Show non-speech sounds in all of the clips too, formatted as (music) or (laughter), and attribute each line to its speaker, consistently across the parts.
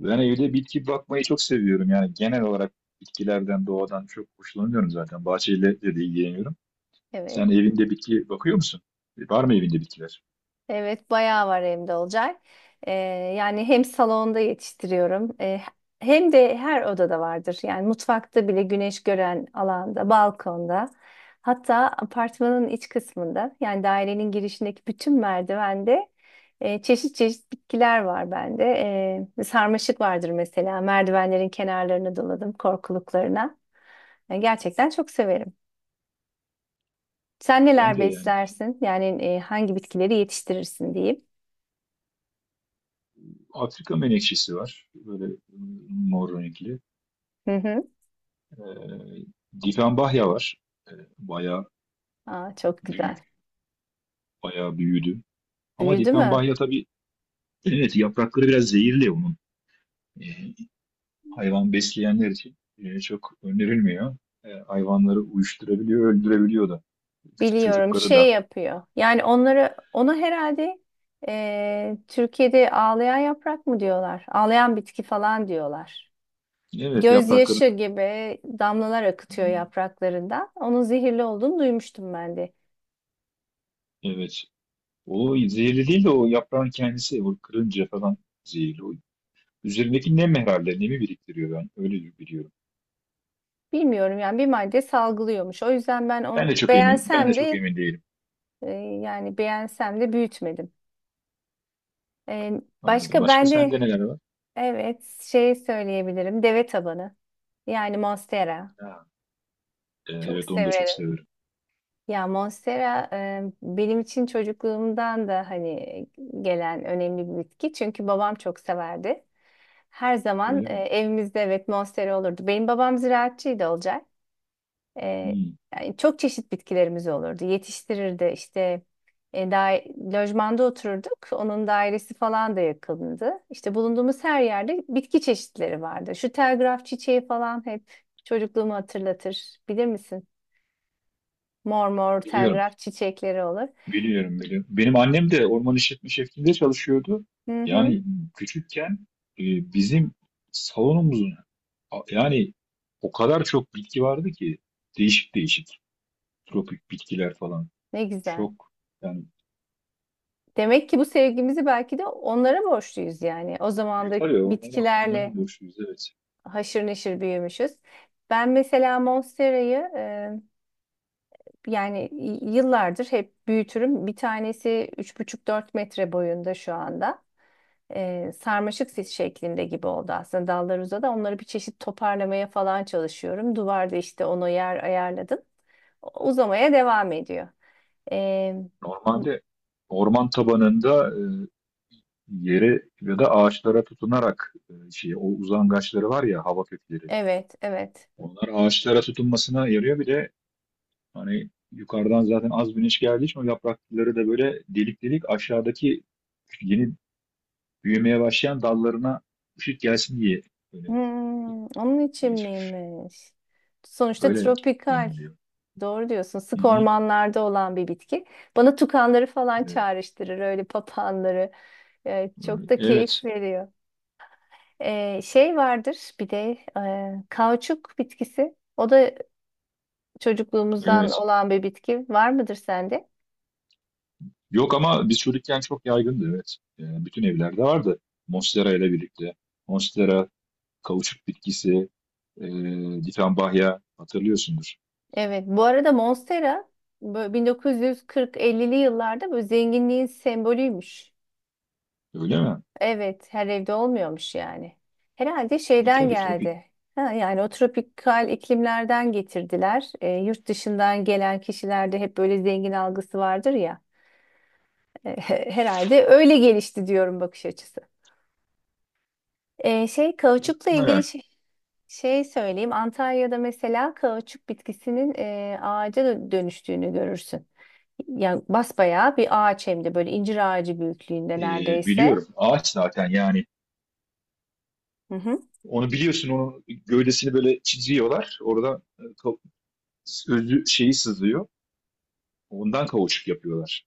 Speaker 1: Ben evde bitki bakmayı çok seviyorum. Yani genel olarak bitkilerden, doğadan çok hoşlanıyorum zaten. Bahçeyle de ilgileniyorum.
Speaker 2: Evet.
Speaker 1: Sen evinde bitki bakıyor musun? Var mı evinde bitkiler?
Speaker 2: Evet, bayağı var evde olacak. Ee, yani hem salonda yetiştiriyorum, hem de her odada vardır. Yani mutfakta bile güneş gören alanda, balkonda, hatta apartmanın iç kısmında, yani dairenin girişindeki bütün merdivende çeşit çeşit bitkiler var bende. Sarmaşık vardır mesela. Merdivenlerin kenarlarını doladım, korkuluklarına. Yani gerçekten çok severim. Sen
Speaker 1: Ben
Speaker 2: neler
Speaker 1: de yani
Speaker 2: beslersin? Yani hangi bitkileri yetiştirirsin diyeyim.
Speaker 1: Afrika menekşesi var. Böyle mor renkli.
Speaker 2: Hı hı.
Speaker 1: Ee, Difenbahya var. Ee, Bayağı
Speaker 2: Aa, çok
Speaker 1: büyük,
Speaker 2: güzel.
Speaker 1: bayağı büyüdü. Ama
Speaker 2: Büyüdü mü?
Speaker 1: difenbahya tabii, evet, yaprakları biraz zehirli onun. Ee, Hayvan besleyenler için çok önerilmiyor. Hayvanları uyuşturabiliyor, öldürebiliyor da. Küçük
Speaker 2: Biliyorum
Speaker 1: çocukları
Speaker 2: şey
Speaker 1: da.
Speaker 2: yapıyor. Yani onları ona herhalde Türkiye'de ağlayan yaprak mı diyorlar? Ağlayan bitki falan diyorlar.
Speaker 1: Evet, yaprakları.
Speaker 2: Gözyaşı gibi damlalar
Speaker 1: Hı
Speaker 2: akıtıyor
Speaker 1: hı.
Speaker 2: yapraklarından. Onun zehirli olduğunu duymuştum ben de.
Speaker 1: Evet. O zehirli değil de o yaprağın kendisi. O kırınca falan zehirli. O üzerindeki nem herhalde. Nemi biriktiriyor ben. Öyle biliyorum.
Speaker 2: Bilmiyorum yani bir madde salgılıyormuş. O yüzden ben onu
Speaker 1: Ben de
Speaker 2: beğensem
Speaker 1: çok
Speaker 2: de
Speaker 1: emin değilim.
Speaker 2: yani beğensem de büyütmedim. E,
Speaker 1: Anladım.
Speaker 2: Başka
Speaker 1: Başka
Speaker 2: ben de
Speaker 1: sende neler var?
Speaker 2: evet şey söyleyebilirim. Deve tabanı. Yani Monstera.
Speaker 1: Ha,
Speaker 2: Çok
Speaker 1: evet, onu da çok
Speaker 2: severim.
Speaker 1: severim.
Speaker 2: Ya Monstera benim için çocukluğumdan da hani gelen önemli bir bitki. Çünkü babam çok severdi. Her zaman
Speaker 1: Öyle mi?
Speaker 2: evimizde evet Monstera olurdu. Benim babam ziraatçıydı Olcay. E,
Speaker 1: Hı.
Speaker 2: Yani çok çeşit bitkilerimiz olurdu. Yetiştirirdi işte e, da, lojmanda otururduk. Onun dairesi falan da yakındı. İşte bulunduğumuz her yerde bitki çeşitleri vardı. Şu telgraf çiçeği falan hep çocukluğumu hatırlatır. Bilir misin? Mor mor
Speaker 1: Biliyorum.
Speaker 2: telgraf çiçekleri olur.
Speaker 1: Biliyorum, biliyorum. Benim annem de orman işletme şefliğinde çalışıyordu.
Speaker 2: Hı hı,
Speaker 1: Yani küçükken, e, bizim salonumuzun yani o kadar çok bitki vardı ki, değişik değişik tropik bitkiler falan.
Speaker 2: ne güzel.
Speaker 1: Çok yani
Speaker 2: Demek ki bu sevgimizi belki de onlara borçluyuz yani. O zaman da
Speaker 1: yeter ya onlara
Speaker 2: bitkilerle
Speaker 1: borçluyuz, evet.
Speaker 2: haşır neşir büyümüşüz. Ben mesela Monstera'yı yani yıllardır hep büyütürüm. Bir tanesi üç buçuk dört metre boyunda şu anda. Sarmaşık sis şeklinde gibi oldu aslında dallar uzadı. Onları bir çeşit toparlamaya falan çalışıyorum. Duvarda işte ona yer ayarladım. Uzamaya devam ediyor. Ee,
Speaker 1: Normalde orman tabanında, yere ya da ağaçlara tutunarak, şey, o uzangaçları var ya, hava kökleri.
Speaker 2: evet, evet.
Speaker 1: Onlar ağaçlara tutunmasına yarıyor bile. Hani yukarıdan zaten az güneş geldiği için, o yaprakları da böyle delik delik, aşağıdaki yeni büyümeye başlayan dallarına ışık gelsin diye böyle
Speaker 2: Hmm, onun için
Speaker 1: gelişmiş.
Speaker 2: miymiş? Sonuçta
Speaker 1: Öyle
Speaker 2: tropikal.
Speaker 1: deniliyor.
Speaker 2: Doğru diyorsun.
Speaker 1: Hı
Speaker 2: Sık
Speaker 1: hı.
Speaker 2: ormanlarda olan bir bitki. Bana tukanları falan
Speaker 1: Evet.
Speaker 2: çağrıştırır, öyle papağanları. Çok da keyif
Speaker 1: Evet.
Speaker 2: veriyor. Şey vardır bir de kauçuk bitkisi. O da çocukluğumuzdan
Speaker 1: Evet.
Speaker 2: olan bir bitki var mıdır sende?
Speaker 1: Yok, ama biz çocukken çok yaygındı, evet. Yani bütün evlerde vardı. Monstera ile birlikte. Monstera, kauçuk bitkisi, e, ditambayha, hatırlıyorsundur.
Speaker 2: Evet. Bu arada Monstera 1940-50'li yıllarda bu zenginliğin sembolüymüş.
Speaker 1: Öyle mi?
Speaker 2: Evet, her evde olmuyormuş yani. Herhalde
Speaker 1: Bir
Speaker 2: şeyden
Speaker 1: tabii tropik.
Speaker 2: geldi. Ha, yani o tropikal iklimlerden getirdiler. Yurt dışından gelen kişilerde hep böyle zengin algısı vardır ya. Herhalde öyle gelişti diyorum bakış açısı. Şey kauçukla ilgili
Speaker 1: Muhtemelen.
Speaker 2: şey, şey söyleyeyim. Antalya'da mesela kauçuk bitkisinin ağaca dönüştüğünü görürsün. Yani basbayağı bir ağaç hem de böyle incir ağacı büyüklüğünde
Speaker 1: E,
Speaker 2: neredeyse.
Speaker 1: Biliyorum. Ağaç zaten, yani
Speaker 2: Hı hı.
Speaker 1: onu biliyorsun, onun gövdesini böyle çiziyorlar. Oradan, özü şeyi sızıyor. Ondan kauçuk yapıyorlar.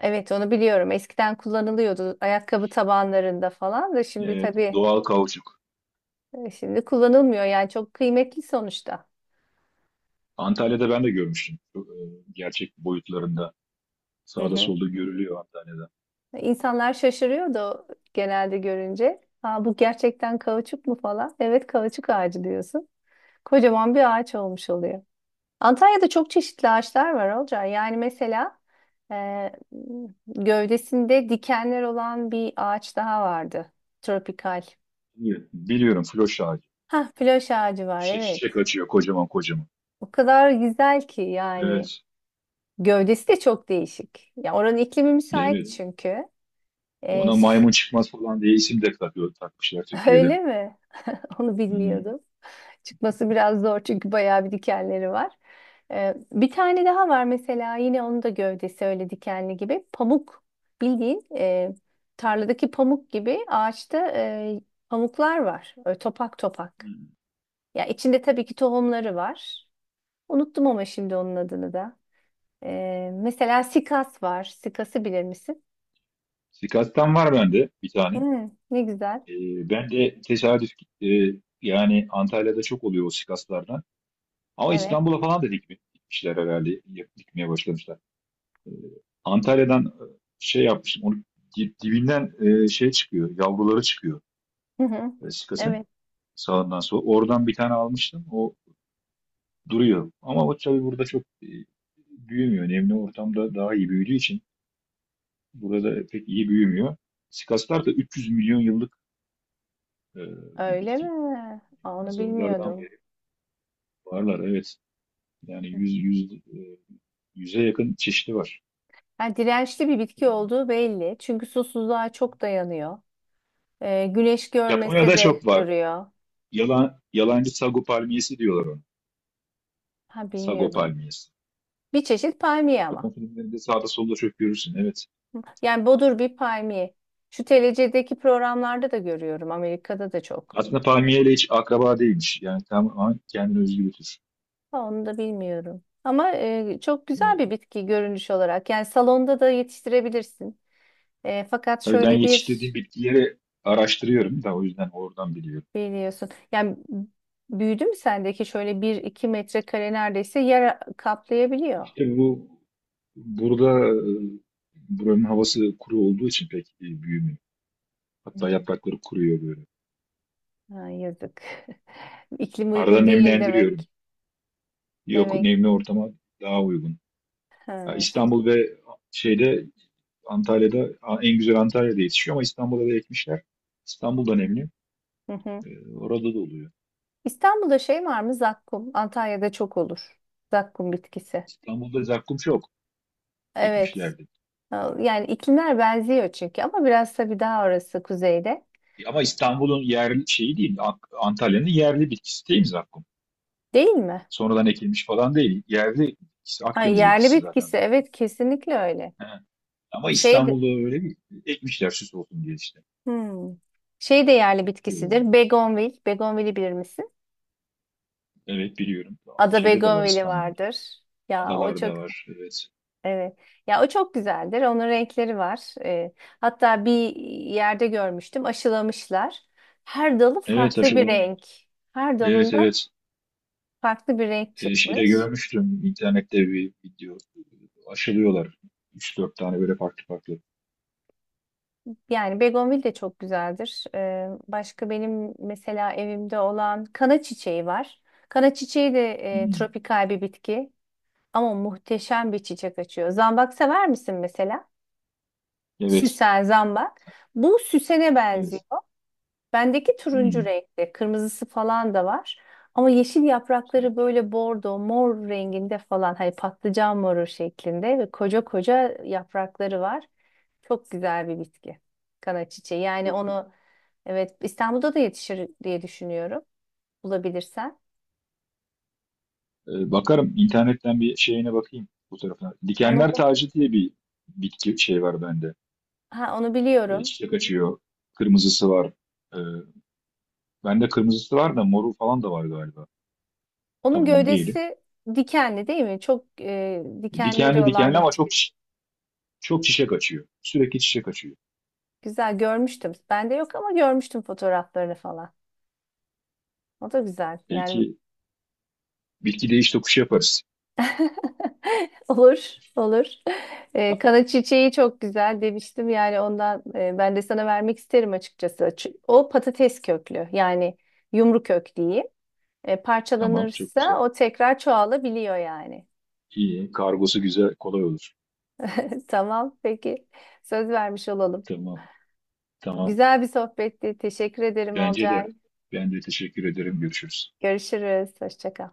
Speaker 2: Evet onu biliyorum. Eskiden kullanılıyordu ayakkabı tabanlarında falan da şimdi tabii
Speaker 1: Doğal kauçuk.
Speaker 2: şimdi kullanılmıyor. Yani çok kıymetli sonuçta.
Speaker 1: Antalya'da ben de görmüştüm. Çok, gerçek boyutlarında. Sağda solda görülüyor Antalya'da.
Speaker 2: İnsanlar şaşırıyordu genelde görünce. Aa, bu gerçekten kauçuk mu falan? Evet kauçuk ağacı diyorsun. Kocaman bir ağaç olmuş oluyor. Antalya'da çok çeşitli ağaçlar var Olcay. Yani mesela e, gövdesinde dikenler olan bir ağaç daha vardı. Tropikal.
Speaker 1: Biliyorum, biliyorum, floş ağacı.
Speaker 2: Hah, floş ağacı var
Speaker 1: Şişe, şişe
Speaker 2: evet.
Speaker 1: kaçıyor kocaman kocaman.
Speaker 2: O kadar güzel ki yani.
Speaker 1: Evet.
Speaker 2: Gövdesi de çok değişik. Ya oranın iklimi müsait
Speaker 1: Evet.
Speaker 2: çünkü. E,
Speaker 1: Ona
Speaker 2: ş-
Speaker 1: maymun çıkmaz falan diye isim de takıyor, takmışlar
Speaker 2: (laughs)
Speaker 1: Türkiye'de.
Speaker 2: öyle mi? (laughs) Onu
Speaker 1: Hmm.
Speaker 2: bilmiyordum. Çıkması biraz zor çünkü bayağı bir dikenleri var. Bir tane daha var mesela yine onun da gövdesi öyle dikenli gibi. Pamuk bildiğin tarladaki pamuk gibi ağaçta pamuklar var. Öyle topak topak.
Speaker 1: Hmm.
Speaker 2: Ya içinde tabii ki tohumları var. Unuttum ama şimdi onun adını da. Mesela sikas var. Sikası bilir misin?
Speaker 1: Sikattan var bende bir tane.
Speaker 2: Hmm, ne güzel.
Speaker 1: Ben de tesadüf, e, yani Antalya'da çok oluyor o sikaslardan. Ama
Speaker 2: Evet.
Speaker 1: İstanbul'a falan da dikmişler herhalde. Dikmeye başlamışlar. Ee, Antalya'dan, şey yapmışım. Onu dibinden, şey çıkıyor. Yavruları çıkıyor,
Speaker 2: Hı hı.
Speaker 1: sikasın.
Speaker 2: Evet.
Speaker 1: Sağından sola. Oradan bir tane almıştım. O duruyor. Ama o tabii burada çok büyümüyor. Nemli ortamda daha iyi büyüdüğü için burada pek iyi büyümüyor. Sikaslar da 300 milyon yıllık, e, bir
Speaker 2: Öyle
Speaker 1: bitki.
Speaker 2: mi? Aa, onu
Speaker 1: Dinozorlardan
Speaker 2: bilmiyordum.
Speaker 1: beri varlar. Evet. Yani yüze yakın çeşidi var.
Speaker 2: Yani dirençli bir bitki olduğu belli. Çünkü susuzluğa çok dayanıyor. Güneş görmese
Speaker 1: Japonya'da
Speaker 2: de
Speaker 1: çok var.
Speaker 2: duruyor.
Speaker 1: Yalancı sago palmiyesi diyorlar ona.
Speaker 2: Ha
Speaker 1: Sago
Speaker 2: bilmiyordum.
Speaker 1: palmiyesi.
Speaker 2: Bir çeşit palmiye
Speaker 1: Japon
Speaker 2: ama.
Speaker 1: filmlerinde sağda solda çok görürsün. Evet.
Speaker 2: Yani bodur bir palmiye. Şu TLC'deki programlarda da görüyorum. Amerika'da da çok.
Speaker 1: Aslında palmiyeyle hiç akraba değilmiş. Yani tamamen kendine özgü bir tür.
Speaker 2: Ha, onu da bilmiyorum. Ama çok güzel
Speaker 1: E,
Speaker 2: bir bitki görünüş olarak. Yani salonda da yetiştirebilirsin. Fakat
Speaker 1: tabii ben
Speaker 2: şöyle bir
Speaker 1: yetiştirdiğim bitkileri araştırıyorum da o yüzden oradan biliyorum.
Speaker 2: biliyorsun. Yani büyüdü mü sendeki şöyle bir iki metrekare neredeyse yer kaplayabiliyor.
Speaker 1: İşte bu burada, buranın havası kuru olduğu için pek büyümüyor. Hatta
Speaker 2: Hmm.
Speaker 1: yaprakları kuruyor böyle.
Speaker 2: Ha, yazık. (laughs) İklim
Speaker 1: Arada
Speaker 2: uygun değil
Speaker 1: nemlendiriyorum.
Speaker 2: demek.
Speaker 1: Yok,
Speaker 2: Demek.
Speaker 1: nemli ortama daha uygun. Ya
Speaker 2: Ha.
Speaker 1: İstanbul ve şeyde Antalya'da, en güzel Antalya'da yetişiyor, ama İstanbul'a da ekmişler. İstanbul'da nemli.
Speaker 2: Hı hı.
Speaker 1: Orada da oluyor.
Speaker 2: İstanbul'da şey var mı? Zakkum. Antalya'da çok olur. Zakkum bitkisi.
Speaker 1: İstanbul'da zakkum çok
Speaker 2: Evet.
Speaker 1: ekmişlerdi.
Speaker 2: Ha, yani iklimler benziyor çünkü ama biraz tabii daha orası kuzeyde.
Speaker 1: Ama İstanbul'un yerli şeyi değil. Antalya'nın yerli bitkisi değil mi zakkum?
Speaker 2: Değil mi?
Speaker 1: Sonradan ekilmiş falan değil. Yerli bitkisi.
Speaker 2: Ha,
Speaker 1: Akdeniz
Speaker 2: yerli
Speaker 1: bitkisi zaten
Speaker 2: bitkisi.
Speaker 1: zakkum.
Speaker 2: Evet kesinlikle öyle.
Speaker 1: He. Ama
Speaker 2: Şey, de-
Speaker 1: İstanbul'da öyle bir ekmişler, süs olsun diye işte.
Speaker 2: hmm. Şey de yerli
Speaker 1: Ekiyorlar.
Speaker 2: bitkisidir. Begonvil. Begonvil'i bilir misin?
Speaker 1: Evet, biliyorum.
Speaker 2: Ada
Speaker 1: Şeyde de var
Speaker 2: Begonvil'i
Speaker 1: İstanbul'da.
Speaker 2: vardır. Ya o çok
Speaker 1: Adalarda var. Evet.
Speaker 2: evet. Ya o çok güzeldir. Onun renkleri var. Hatta bir yerde görmüştüm. Aşılamışlar. Her dalı
Speaker 1: Evet,
Speaker 2: farklı bir
Speaker 1: aşılanıyor.
Speaker 2: renk. Her
Speaker 1: Evet,
Speaker 2: dalında
Speaker 1: evet.
Speaker 2: farklı bir renk
Speaker 1: Şeyde
Speaker 2: çıkmış.
Speaker 1: görmüştüm internette bir video. Aşılıyorlar. Üç dört tane böyle farklı farklı.
Speaker 2: Yani begonvil de çok güzeldir. Başka benim mesela evimde olan kana çiçeği var. Kana çiçeği de
Speaker 1: Hmm.
Speaker 2: tropikal bir bitki. Ama muhteşem bir çiçek açıyor. Zambak sever misin mesela?
Speaker 1: Evet.
Speaker 2: Süsen, zambak. Bu süsene benziyor.
Speaker 1: Evet.
Speaker 2: Bendeki turuncu
Speaker 1: Hmm,
Speaker 2: renkte, kırmızısı falan da var. Ama yeşil yaprakları
Speaker 1: Güzelmiş.
Speaker 2: böyle bordo, mor renginde falan. Hani patlıcan moru şeklinde ve koca koca yaprakları var. Çok güzel bir bitki. Kana çiçeği. Yani
Speaker 1: Çok güzel.
Speaker 2: onu evet İstanbul'da da yetişir diye düşünüyorum. Bulabilirsen.
Speaker 1: Bakarım internetten, bir şeyine bakayım bu tarafına.
Speaker 2: Onu,
Speaker 1: Dikenler
Speaker 2: mu-
Speaker 1: tacı diye bir bitki şey var bende.
Speaker 2: ha, onu biliyorum.
Speaker 1: Çiçek açıyor. Kırmızısı var. Ee, Bende kırmızısı var da moru falan da var galiba.
Speaker 2: Onun
Speaker 1: Tam emin değilim.
Speaker 2: gövdesi dikenli değil mi? Çok dikenleri
Speaker 1: Dikenli
Speaker 2: olan
Speaker 1: dikenli,
Speaker 2: bir
Speaker 1: ama çok
Speaker 2: bitki.
Speaker 1: çok çiçek açıyor. Sürekli çiçek açıyor.
Speaker 2: Güzel görmüştüm. Bende yok ama görmüştüm fotoğraflarını falan. O da güzel. Yani
Speaker 1: Belki bilgi değiş tokuşu yaparız.
Speaker 2: (laughs) olur, olur. Kana çiçeği çok güzel demiştim yani ondan ben de sana vermek isterim açıkçası. O patates köklü yani yumru kök diyeyim.
Speaker 1: Tamam, çok güzel.
Speaker 2: Parçalanırsa o tekrar çoğalabiliyor yani.
Speaker 1: İyi, kargosu güzel, kolay olur.
Speaker 2: (laughs) Tamam, peki. Söz vermiş olalım.
Speaker 1: Tamam, tamam.
Speaker 2: Güzel bir sohbetti. Teşekkür ederim
Speaker 1: Bence
Speaker 2: Olcay.
Speaker 1: de. Ben de teşekkür ederim. Görüşürüz.
Speaker 2: Görüşürüz. Hoşça kal.